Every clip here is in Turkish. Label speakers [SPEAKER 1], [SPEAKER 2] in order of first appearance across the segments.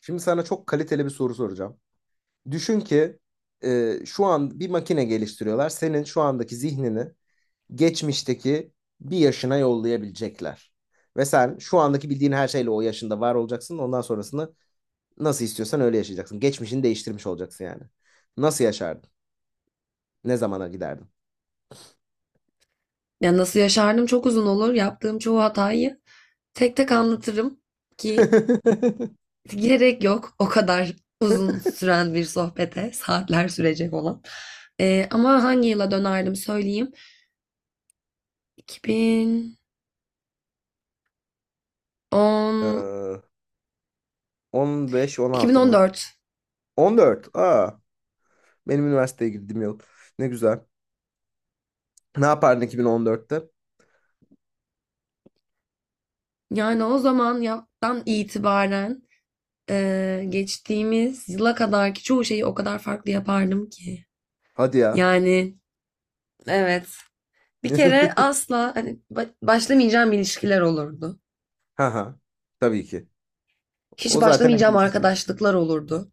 [SPEAKER 1] Şimdi sana çok kaliteli bir soru soracağım. Düşün ki şu an bir makine geliştiriyorlar. Senin şu andaki zihnini geçmişteki bir yaşına yollayabilecekler. Ve sen şu andaki bildiğin her şeyle o yaşında var olacaksın. Ondan sonrasını nasıl istiyorsan öyle yaşayacaksın. Geçmişini değiştirmiş olacaksın yani. Nasıl yaşardın? Ne zamana giderdin?
[SPEAKER 2] Ya nasıl yaşardım, çok uzun olur. Yaptığım çoğu hatayı tek tek anlatırım ki gerek yok o kadar uzun süren bir sohbete, saatler sürecek olan. Ama hangi yıla dönerdim söyleyeyim. 2010,
[SPEAKER 1] Ee, 15-16 mı?
[SPEAKER 2] 2014.
[SPEAKER 1] 14. Benim üniversiteye girdiğim yıl. Ne güzel. Ne yapardın 2014'te?
[SPEAKER 2] Yani o zaman yaptan itibaren geçtiğimiz yıla kadarki çoğu şeyi o kadar farklı yapardım ki.
[SPEAKER 1] Hadi ya.
[SPEAKER 2] Yani evet. Bir kere asla hani başlamayacağım ilişkiler olurdu.
[SPEAKER 1] Ha ha. Tabii ki. O
[SPEAKER 2] Hiç
[SPEAKER 1] zaten en
[SPEAKER 2] başlamayacağım
[SPEAKER 1] hızlı şey.
[SPEAKER 2] arkadaşlıklar olurdu.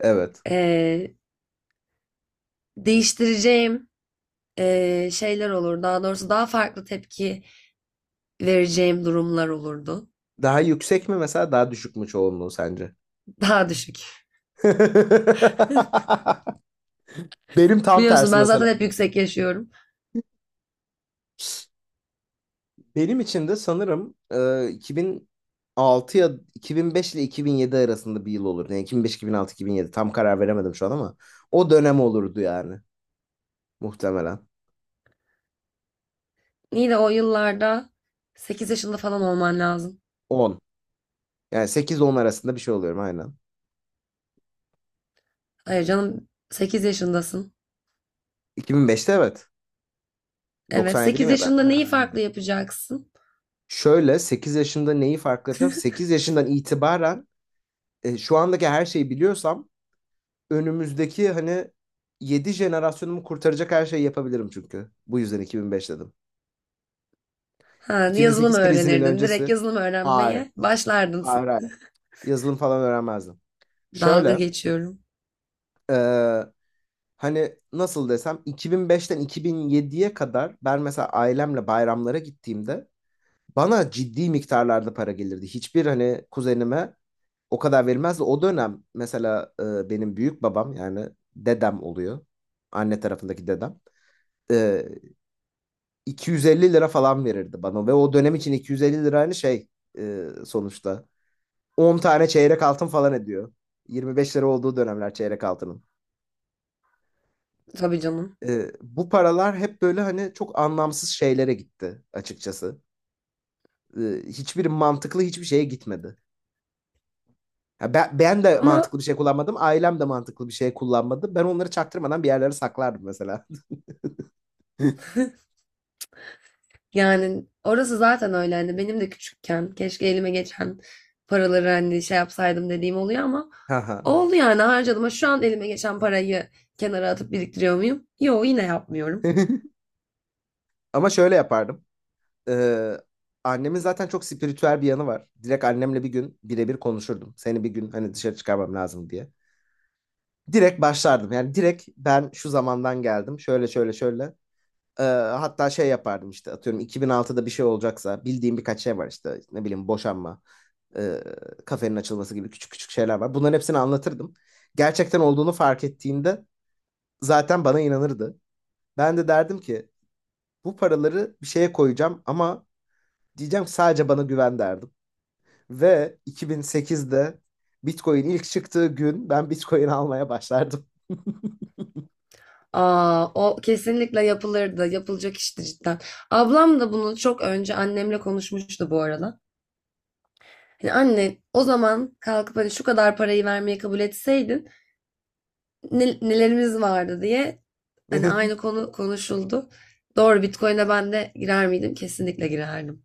[SPEAKER 1] Evet.
[SPEAKER 2] Ee, değiştireceğim şeyler olur. Daha doğrusu daha farklı tepki vereceğim durumlar olurdu.
[SPEAKER 1] Daha yüksek mi mesela daha düşük mü çoğunluğu sence?
[SPEAKER 2] Daha düşük.
[SPEAKER 1] Benim tam
[SPEAKER 2] Biliyorsun
[SPEAKER 1] tersi
[SPEAKER 2] ben zaten
[SPEAKER 1] mesela
[SPEAKER 2] hep
[SPEAKER 1] bu.
[SPEAKER 2] yüksek yaşıyorum.
[SPEAKER 1] Benim için de sanırım 2006 ya 2005 ile 2007 arasında bir yıl olur. Yani 2005, 2006, 2007 tam karar veremedim şu an ama o dönem olurdu yani muhtemelen.
[SPEAKER 2] İyi de o yıllarda 8 yaşında falan olman lazım.
[SPEAKER 1] 10. Yani 8-10 arasında bir şey oluyorum aynen.
[SPEAKER 2] Hayır canım, 8 yaşındasın.
[SPEAKER 1] 2005'te evet.
[SPEAKER 2] Evet,
[SPEAKER 1] 97'liyim
[SPEAKER 2] 8
[SPEAKER 1] ya ben.
[SPEAKER 2] yaşında neyi
[SPEAKER 1] Ha.
[SPEAKER 2] farklı yapacaksın?
[SPEAKER 1] Şöyle 8 yaşında neyi farklı yapacağım? 8 yaşından itibaren şu andaki her şeyi biliyorsam önümüzdeki hani 7 jenerasyonumu kurtaracak her şeyi yapabilirim çünkü. Bu yüzden 2005 dedim.
[SPEAKER 2] Ha, yazılım
[SPEAKER 1] 2008 krizinin
[SPEAKER 2] öğrenirdin. Direkt
[SPEAKER 1] öncesi.
[SPEAKER 2] yazılım
[SPEAKER 1] Hayır.
[SPEAKER 2] öğrenmeye başlardın.
[SPEAKER 1] Hayır, hayır. Yazılım falan öğrenmezdim.
[SPEAKER 2] Dalga
[SPEAKER 1] Şöyle,
[SPEAKER 2] geçiyorum.
[SPEAKER 1] e, hani nasıl desem 2005'ten 2007'ye kadar ben mesela ailemle bayramlara gittiğimde bana ciddi miktarlarda para gelirdi. Hiçbir hani kuzenime o kadar verilmez de o dönem mesela benim büyük babam yani dedem oluyor. Anne tarafındaki dedem. E, 250 lira falan verirdi bana ve o dönem için 250 lira hani şey, sonuçta 10 tane çeyrek altın falan ediyor. 25 lira olduğu dönemler çeyrek altının.
[SPEAKER 2] Tabii canım.
[SPEAKER 1] Bu paralar hep böyle hani çok anlamsız şeylere gitti açıkçası. E, hiçbir mantıklı hiçbir şeye gitmedi. Ya, ben de
[SPEAKER 2] Ama
[SPEAKER 1] mantıklı bir şey kullanmadım. Ailem de mantıklı bir şey kullanmadı. Ben onları çaktırmadan bir yerlere saklardım mesela.
[SPEAKER 2] yani orası zaten öyle, hani benim de küçükken keşke elime geçen paraları hani şey yapsaydım dediğim oluyor ama
[SPEAKER 1] Haha.
[SPEAKER 2] oldu yani, harcadım. Ha, şu an elime geçen parayı kenara atıp biriktiriyor muyum? Yok, yine yapmıyorum.
[SPEAKER 1] Ama şöyle yapardım. Ee, annemin zaten çok spiritüel bir yanı var. Direkt annemle bir gün birebir konuşurdum. Seni bir gün hani dışarı çıkarmam lazım diye. Direkt başlardım. Yani direkt ben şu zamandan geldim. Şöyle şöyle şöyle. Ee, hatta şey yapardım işte atıyorum 2006'da bir şey olacaksa bildiğim birkaç şey var işte ne bileyim boşanma. e, kafenin açılması gibi küçük küçük şeyler var. Bunların hepsini anlatırdım. Gerçekten olduğunu fark ettiğinde zaten bana inanırdı. Ben de derdim ki bu paraları bir şeye koyacağım ama diyeceğim sadece bana güven derdim. Ve 2008'de Bitcoin ilk çıktığı gün ben Bitcoin almaya başlardım.
[SPEAKER 2] Aa, o kesinlikle yapılırdı. Yapılacak işti cidden. Ablam da bunu çok önce annemle konuşmuştu bu arada. Hani anne, o zaman kalkıp hani şu kadar parayı vermeye kabul etseydin nelerimiz vardı diye, hani aynı konu konuşuldu. Doğru, Bitcoin'e ben de girer miydim? Kesinlikle girerdim.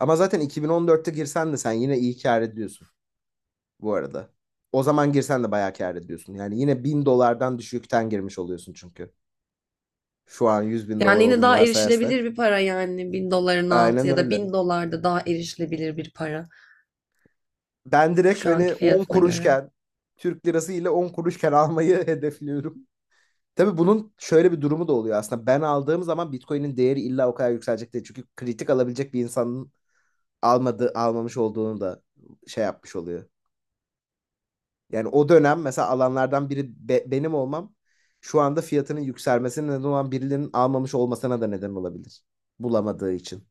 [SPEAKER 1] Ama zaten 2014'te girsen de sen yine iyi kâr ediyorsun bu arada. O zaman girsen de bayağı kâr ediyorsun. Yani yine 1000 dolardan düşükten girmiş oluyorsun çünkü. Şu an 100 bin dolar
[SPEAKER 2] Yani yine
[SPEAKER 1] olduğunu
[SPEAKER 2] daha erişilebilir
[SPEAKER 1] varsayarsak.
[SPEAKER 2] bir para, yani bin doların altı
[SPEAKER 1] Aynen
[SPEAKER 2] ya da
[SPEAKER 1] öyle.
[SPEAKER 2] bin dolar da daha erişilebilir bir para.
[SPEAKER 1] Ben direkt
[SPEAKER 2] Şu
[SPEAKER 1] hani
[SPEAKER 2] anki
[SPEAKER 1] 10
[SPEAKER 2] fiyatına göre.
[SPEAKER 1] kuruşken Türk lirası ile 10 kuruşken almayı hedefliyorum. Tabii bunun şöyle bir durumu da oluyor aslında. Ben aldığım zaman Bitcoin'in değeri illa o kadar yükselecek değil. Çünkü kritik alabilecek bir insanın almadığı, almamış olduğunu da şey yapmış oluyor. Yani o dönem mesela alanlardan biri benim olmam şu anda fiyatının yükselmesine neden olan birilerinin almamış olmasına da neden olabilir. Bulamadığı için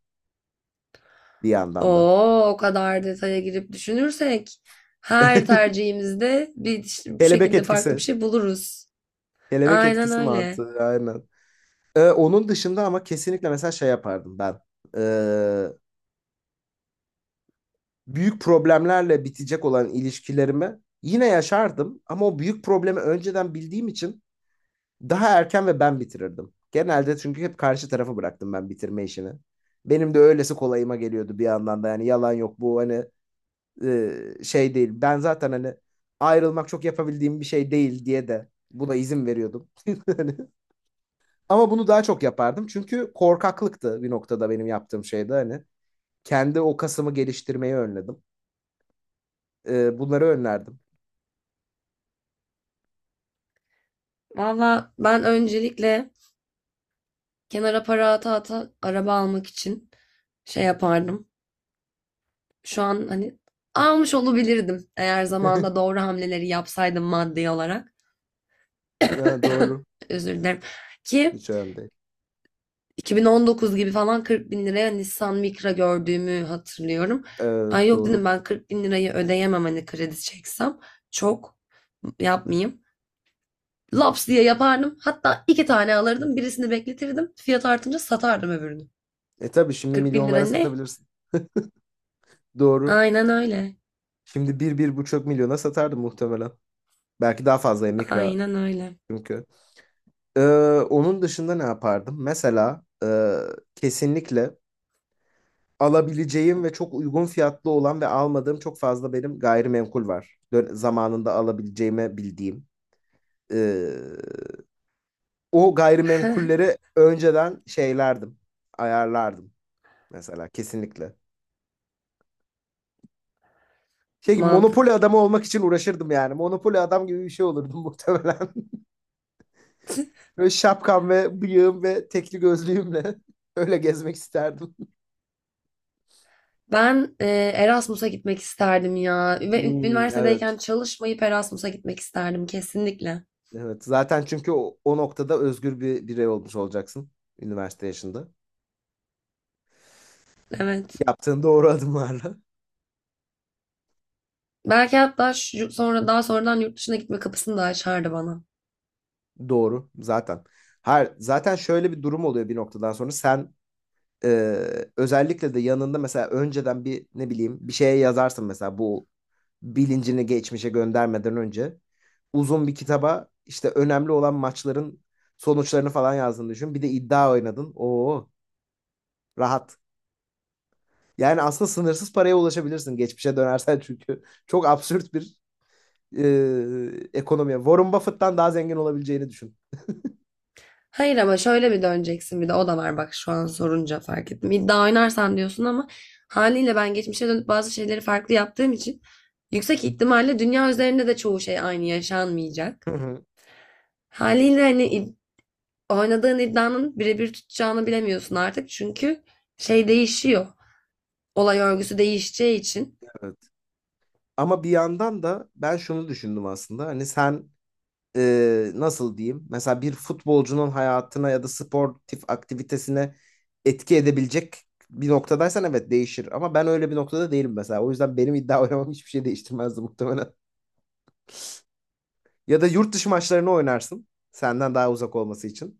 [SPEAKER 1] bir yandan da.
[SPEAKER 2] Oo, o kadar detaya girip düşünürsek her tercihimizde bir işte bu
[SPEAKER 1] Kelebek
[SPEAKER 2] şekilde farklı bir
[SPEAKER 1] etkisi.
[SPEAKER 2] şey buluruz.
[SPEAKER 1] Kelebek
[SPEAKER 2] Aynen
[SPEAKER 1] etkisi
[SPEAKER 2] öyle.
[SPEAKER 1] mantığı aynen. Onun dışında ama kesinlikle mesela şey yapardım ben. Ee, büyük problemlerle bitecek olan ilişkilerimi yine yaşardım ama o büyük problemi önceden bildiğim için daha erken ve ben bitirirdim. Genelde çünkü hep karşı tarafı bıraktım ben bitirme işini. Benim de öylesi kolayıma geliyordu bir yandan da yani yalan yok, bu hani şey değil. Ben zaten hani ayrılmak çok yapabildiğim bir şey değil diye de buna izin veriyordum. Hani ama bunu daha çok yapardım çünkü korkaklıktı bir noktada benim yaptığım şeyde hani. Kendi o kasımı geliştirmeyi önledim. Bunları önlerdim.
[SPEAKER 2] Valla ben öncelikle kenara para ata ata araba almak için şey yapardım. Şu an hani almış olabilirdim eğer zamanında doğru hamleleri yapsaydım maddi olarak.
[SPEAKER 1] Ha, doğru.
[SPEAKER 2] Özür dilerim. Ki
[SPEAKER 1] Hiç önemli değil.
[SPEAKER 2] 2019 gibi falan 40 bin liraya Nissan Micra gördüğümü hatırlıyorum.
[SPEAKER 1] Ee,
[SPEAKER 2] Ay yok,
[SPEAKER 1] doğru.
[SPEAKER 2] dedim, ben 40 bin lirayı ödeyemem hani kredi çeksem. Çok yapmayayım. Laps diye yapardım. Hatta iki tane alırdım. Birisini bekletirdim. Fiyat artınca satardım öbürünü.
[SPEAKER 1] E tabii şimdi
[SPEAKER 2] 40 bin lira
[SPEAKER 1] milyonlara
[SPEAKER 2] ne?
[SPEAKER 1] satabilirsin. Doğru.
[SPEAKER 2] Aynen öyle.
[SPEAKER 1] Şimdi bir, bir buçuk milyona satardım muhtemelen. Belki daha fazla mikra
[SPEAKER 2] Aynen öyle.
[SPEAKER 1] çünkü. Ee, onun dışında ne yapardım? Mesela kesinlikle alabileceğim ve çok uygun fiyatlı olan ve almadığım çok fazla benim gayrimenkul var. Zamanında alabileceğimi bildiğim. Ee, o gayrimenkulleri önceden şeylerdim. Ayarlardım mesela kesinlikle. Şey gibi monopoli
[SPEAKER 2] Mantıklı.
[SPEAKER 1] adamı olmak için uğraşırdım yani. Monopoli adam gibi bir şey olurdum muhtemelen. Böyle şapkam ve bıyığım ve tekli gözlüğümle öyle gezmek isterdim.
[SPEAKER 2] Ben Erasmus'a gitmek isterdim ya. Ve
[SPEAKER 1] Hmm, evet,
[SPEAKER 2] üniversitedeyken çalışmayıp Erasmus'a gitmek isterdim kesinlikle.
[SPEAKER 1] evet. Zaten çünkü o, o noktada özgür bir birey olmuş olacaksın üniversite yaşında.
[SPEAKER 2] Evet.
[SPEAKER 1] Yaptığın doğru adımlarla.
[SPEAKER 2] Belki hatta sonra daha sonradan yurt dışına gitme kapısını da açardı bana.
[SPEAKER 1] Doğru zaten. Her zaten şöyle bir durum oluyor bir noktadan sonra sen. Özellikle de yanında mesela önceden bir ne bileyim bir şeye yazarsın mesela bu bilincini geçmişe göndermeden önce uzun bir kitaba işte önemli olan maçların sonuçlarını falan yazdığını düşün. Bir de iddia oynadın. Oo, rahat. Yani aslında sınırsız paraya ulaşabilirsin geçmişe dönersen çünkü çok absürt bir ekonomi. Warren Buffett'tan daha zengin olabileceğini düşün.
[SPEAKER 2] Hayır ama şöyle bir döneceksin, bir de o da var, bak şu an sorunca fark ettim. İddia oynarsan diyorsun ama haliyle ben geçmişe dönüp bazı şeyleri farklı yaptığım için yüksek ihtimalle dünya üzerinde de çoğu şey aynı yaşanmayacak.
[SPEAKER 1] Hı hı.
[SPEAKER 2] Haliyle hani oynadığın iddianın birebir tutacağını bilemiyorsun artık çünkü şey değişiyor. Olay örgüsü değişeceği için.
[SPEAKER 1] Evet. Ama bir yandan da ben şunu düşündüm aslında. Hani sen nasıl diyeyim? Mesela bir futbolcunun hayatına ya da sportif aktivitesine etki edebilecek bir noktadaysan evet değişir. Ama ben öyle bir noktada değilim mesela. O yüzden benim iddia oynamam hiçbir şey değiştirmezdi muhtemelen. Ya da yurt dışı maçlarını oynarsın. Senden daha uzak olması için.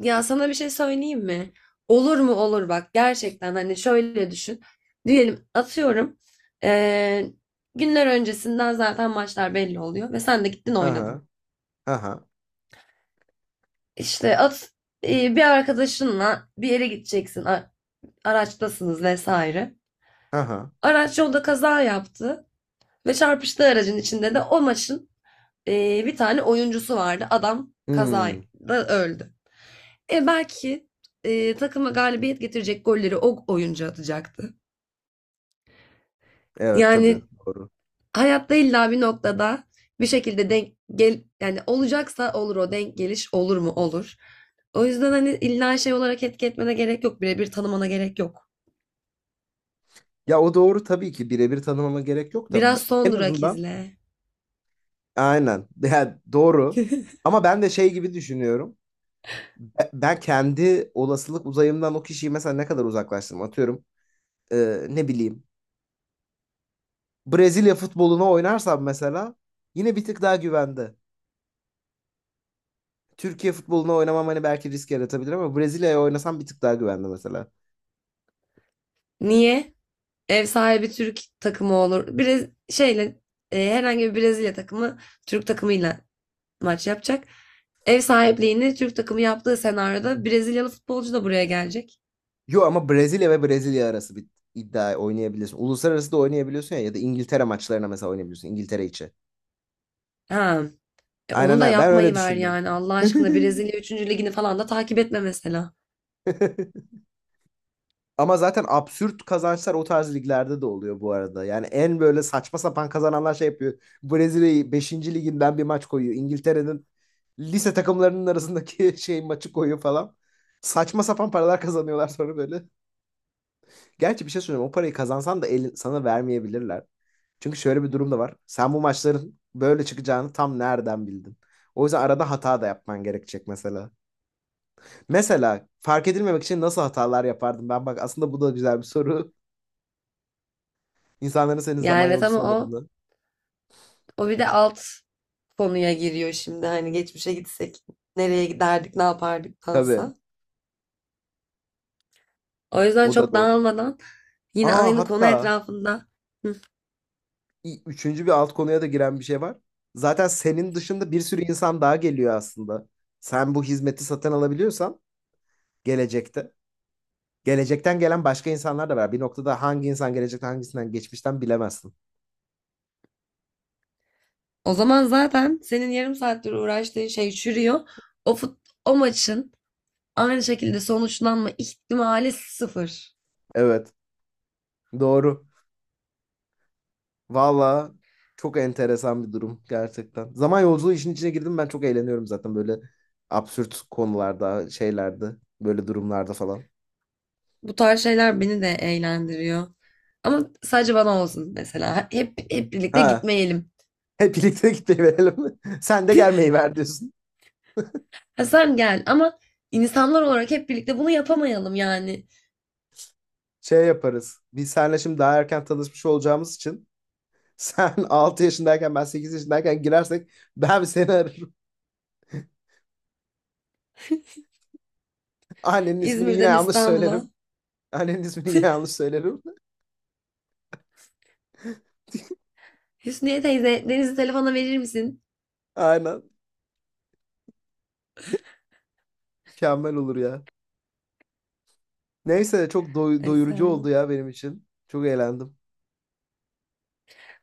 [SPEAKER 2] Ya sana bir şey söyleyeyim mi? Olur mu olur, bak gerçekten, hani şöyle düşün. Diyelim, atıyorum, eee, günler öncesinden zaten maçlar belli oluyor ve sen de gittin
[SPEAKER 1] Aha,
[SPEAKER 2] oynadın.
[SPEAKER 1] aha,
[SPEAKER 2] İşte at bir arkadaşınla bir yere gideceksin, araçtasınız vesaire.
[SPEAKER 1] aha.
[SPEAKER 2] Araç yolda kaza yaptı ve çarpıştığı aracın içinde de o maçın bir tane oyuncusu vardı. Adam
[SPEAKER 1] Hmm,
[SPEAKER 2] kazada öldü. E belki takıma galibiyet getirecek golleri o oyuncu atacaktı.
[SPEAKER 1] evet tabii
[SPEAKER 2] Yani
[SPEAKER 1] doğru.
[SPEAKER 2] hayatta illa bir noktada bir şekilde denk gel, yani olacaksa olur o denk geliş, olur mu olur. O yüzden hani illa şey olarak etki etmene gerek yok. Birebir tanımana gerek yok.
[SPEAKER 1] Ya o doğru tabii ki birebir tanımama gerek yok da,
[SPEAKER 2] Biraz son
[SPEAKER 1] en
[SPEAKER 2] durak
[SPEAKER 1] azından
[SPEAKER 2] izle.
[SPEAKER 1] aynen. Yani doğru. Ama ben de şey gibi düşünüyorum. Ben kendi olasılık uzayımdan o kişiyi mesela ne kadar uzaklaştırırım atıyorum. Ne bileyim. Brezilya futboluna oynarsam mesela yine bir tık daha güvende. Türkiye futboluna oynamam hani belki risk yaratabilir ama Brezilya'ya oynasam bir tık daha güvende mesela.
[SPEAKER 2] Niye? Ev sahibi Türk takımı olur. Herhangi bir Brezilya takımı Türk takımıyla maç yapacak. Ev sahipliğini Türk takımı yaptığı senaryoda Brezilyalı futbolcu da buraya gelecek.
[SPEAKER 1] Yo ama Brezilya ve Brezilya arası bir iddia oynayabiliyorsun. Uluslararası da oynayabiliyorsun ya, ya da İngiltere maçlarına mesela oynayabiliyorsun İngiltere içi.
[SPEAKER 2] Ha, onu
[SPEAKER 1] Aynen
[SPEAKER 2] da
[SPEAKER 1] aynen. Ben
[SPEAKER 2] yapmayı
[SPEAKER 1] öyle
[SPEAKER 2] ver
[SPEAKER 1] düşündüm.
[SPEAKER 2] yani, Allah aşkına Brezilya üçüncü ligini falan da takip etme mesela.
[SPEAKER 1] Ama zaten absürt kazançlar o tarz liglerde de oluyor bu arada. Yani en böyle saçma sapan kazananlar şey yapıyor. Brezilya'yı beşinci liginden bir maç koyuyor. İngiltere'nin lise takımlarının arasındaki şey maçı koyuyor falan. Saçma sapan paralar kazanıyorlar sonra böyle. Gerçi bir şey söyleyeyim. O parayı kazansan da elin, sana vermeyebilirler. Çünkü şöyle bir durum da var. Sen bu maçların böyle çıkacağını tam nereden bildin? O yüzden arada hata da yapman gerekecek mesela. Mesela fark edilmemek için nasıl hatalar yapardım? Ben bak aslında bu da güzel bir soru. İnsanların senin
[SPEAKER 2] Ya
[SPEAKER 1] zaman
[SPEAKER 2] evet
[SPEAKER 1] yolcusu
[SPEAKER 2] ama o
[SPEAKER 1] olmadığını.
[SPEAKER 2] o bir de alt konuya giriyor şimdi, hani geçmişe gitsek nereye giderdik ne
[SPEAKER 1] Tabii
[SPEAKER 2] yapardıktansa. O yüzden
[SPEAKER 1] o da
[SPEAKER 2] çok
[SPEAKER 1] doğru.
[SPEAKER 2] dağılmadan yine
[SPEAKER 1] Aa,
[SPEAKER 2] aynı konu
[SPEAKER 1] hatta
[SPEAKER 2] etrafında.
[SPEAKER 1] üçüncü bir alt konuya da giren bir şey var. Zaten senin dışında bir sürü insan daha geliyor aslında. Sen bu hizmeti satın alabiliyorsan gelecekte. Gelecekten gelen başka insanlar da var. Bir noktada hangi insan gelecekten hangisinden geçmişten bilemezsin.
[SPEAKER 2] O zaman zaten senin yarım saattir uğraştığın şey çürüyor. O fut, o maçın aynı şekilde sonuçlanma ihtimali sıfır.
[SPEAKER 1] Evet. Doğru. Valla çok enteresan bir durum gerçekten. Zaman yolculuğu işin içine girdim ben çok eğleniyorum zaten böyle absürt konularda, şeylerde, böyle durumlarda falan.
[SPEAKER 2] Bu tarz şeyler beni de eğlendiriyor. Ama sadece bana olsun mesela. Hep birlikte
[SPEAKER 1] Ha,
[SPEAKER 2] gitmeyelim.
[SPEAKER 1] hep birlikte gitmeyi verelim. Sen de gelmeyi ver diyorsun.
[SPEAKER 2] Ha, sen gel ama insanlar olarak hep birlikte bunu yapamayalım yani.
[SPEAKER 1] Şey yaparız. Biz seninle şimdi daha erken tanışmış olacağımız için sen 6 yaşındayken ben 8 yaşındayken girersek ben seni ararım. Annenin ismini yine
[SPEAKER 2] İzmir'den
[SPEAKER 1] yanlış
[SPEAKER 2] İstanbul'a.
[SPEAKER 1] söylerim. Annenin ismini yine yanlış söylerim.
[SPEAKER 2] Hüsniye teyze, Deniz'i telefona verir misin?
[SPEAKER 1] Aynen. Mükemmel olur ya. Neyse çok
[SPEAKER 2] Ay
[SPEAKER 1] doyurucu oldu
[SPEAKER 2] Serhan.
[SPEAKER 1] ya benim için. Çok eğlendim.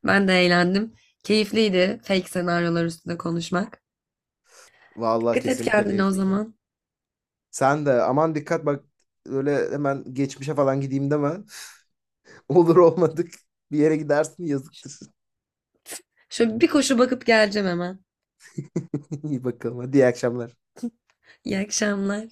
[SPEAKER 2] Ben de eğlendim. Keyifliydi fake senaryolar üstünde konuşmak.
[SPEAKER 1] Vallahi
[SPEAKER 2] Dikkat et
[SPEAKER 1] kesinlikle
[SPEAKER 2] kendine o
[SPEAKER 1] keyifliydi.
[SPEAKER 2] zaman.
[SPEAKER 1] Sen de aman dikkat bak, öyle hemen geçmişe falan gideyim deme. Olur olmadık bir yere gidersin yazıktır.
[SPEAKER 2] Şöyle bir koşu bakıp geleceğim hemen.
[SPEAKER 1] İyi bakalım, hadi iyi akşamlar.
[SPEAKER 2] İyi akşamlar.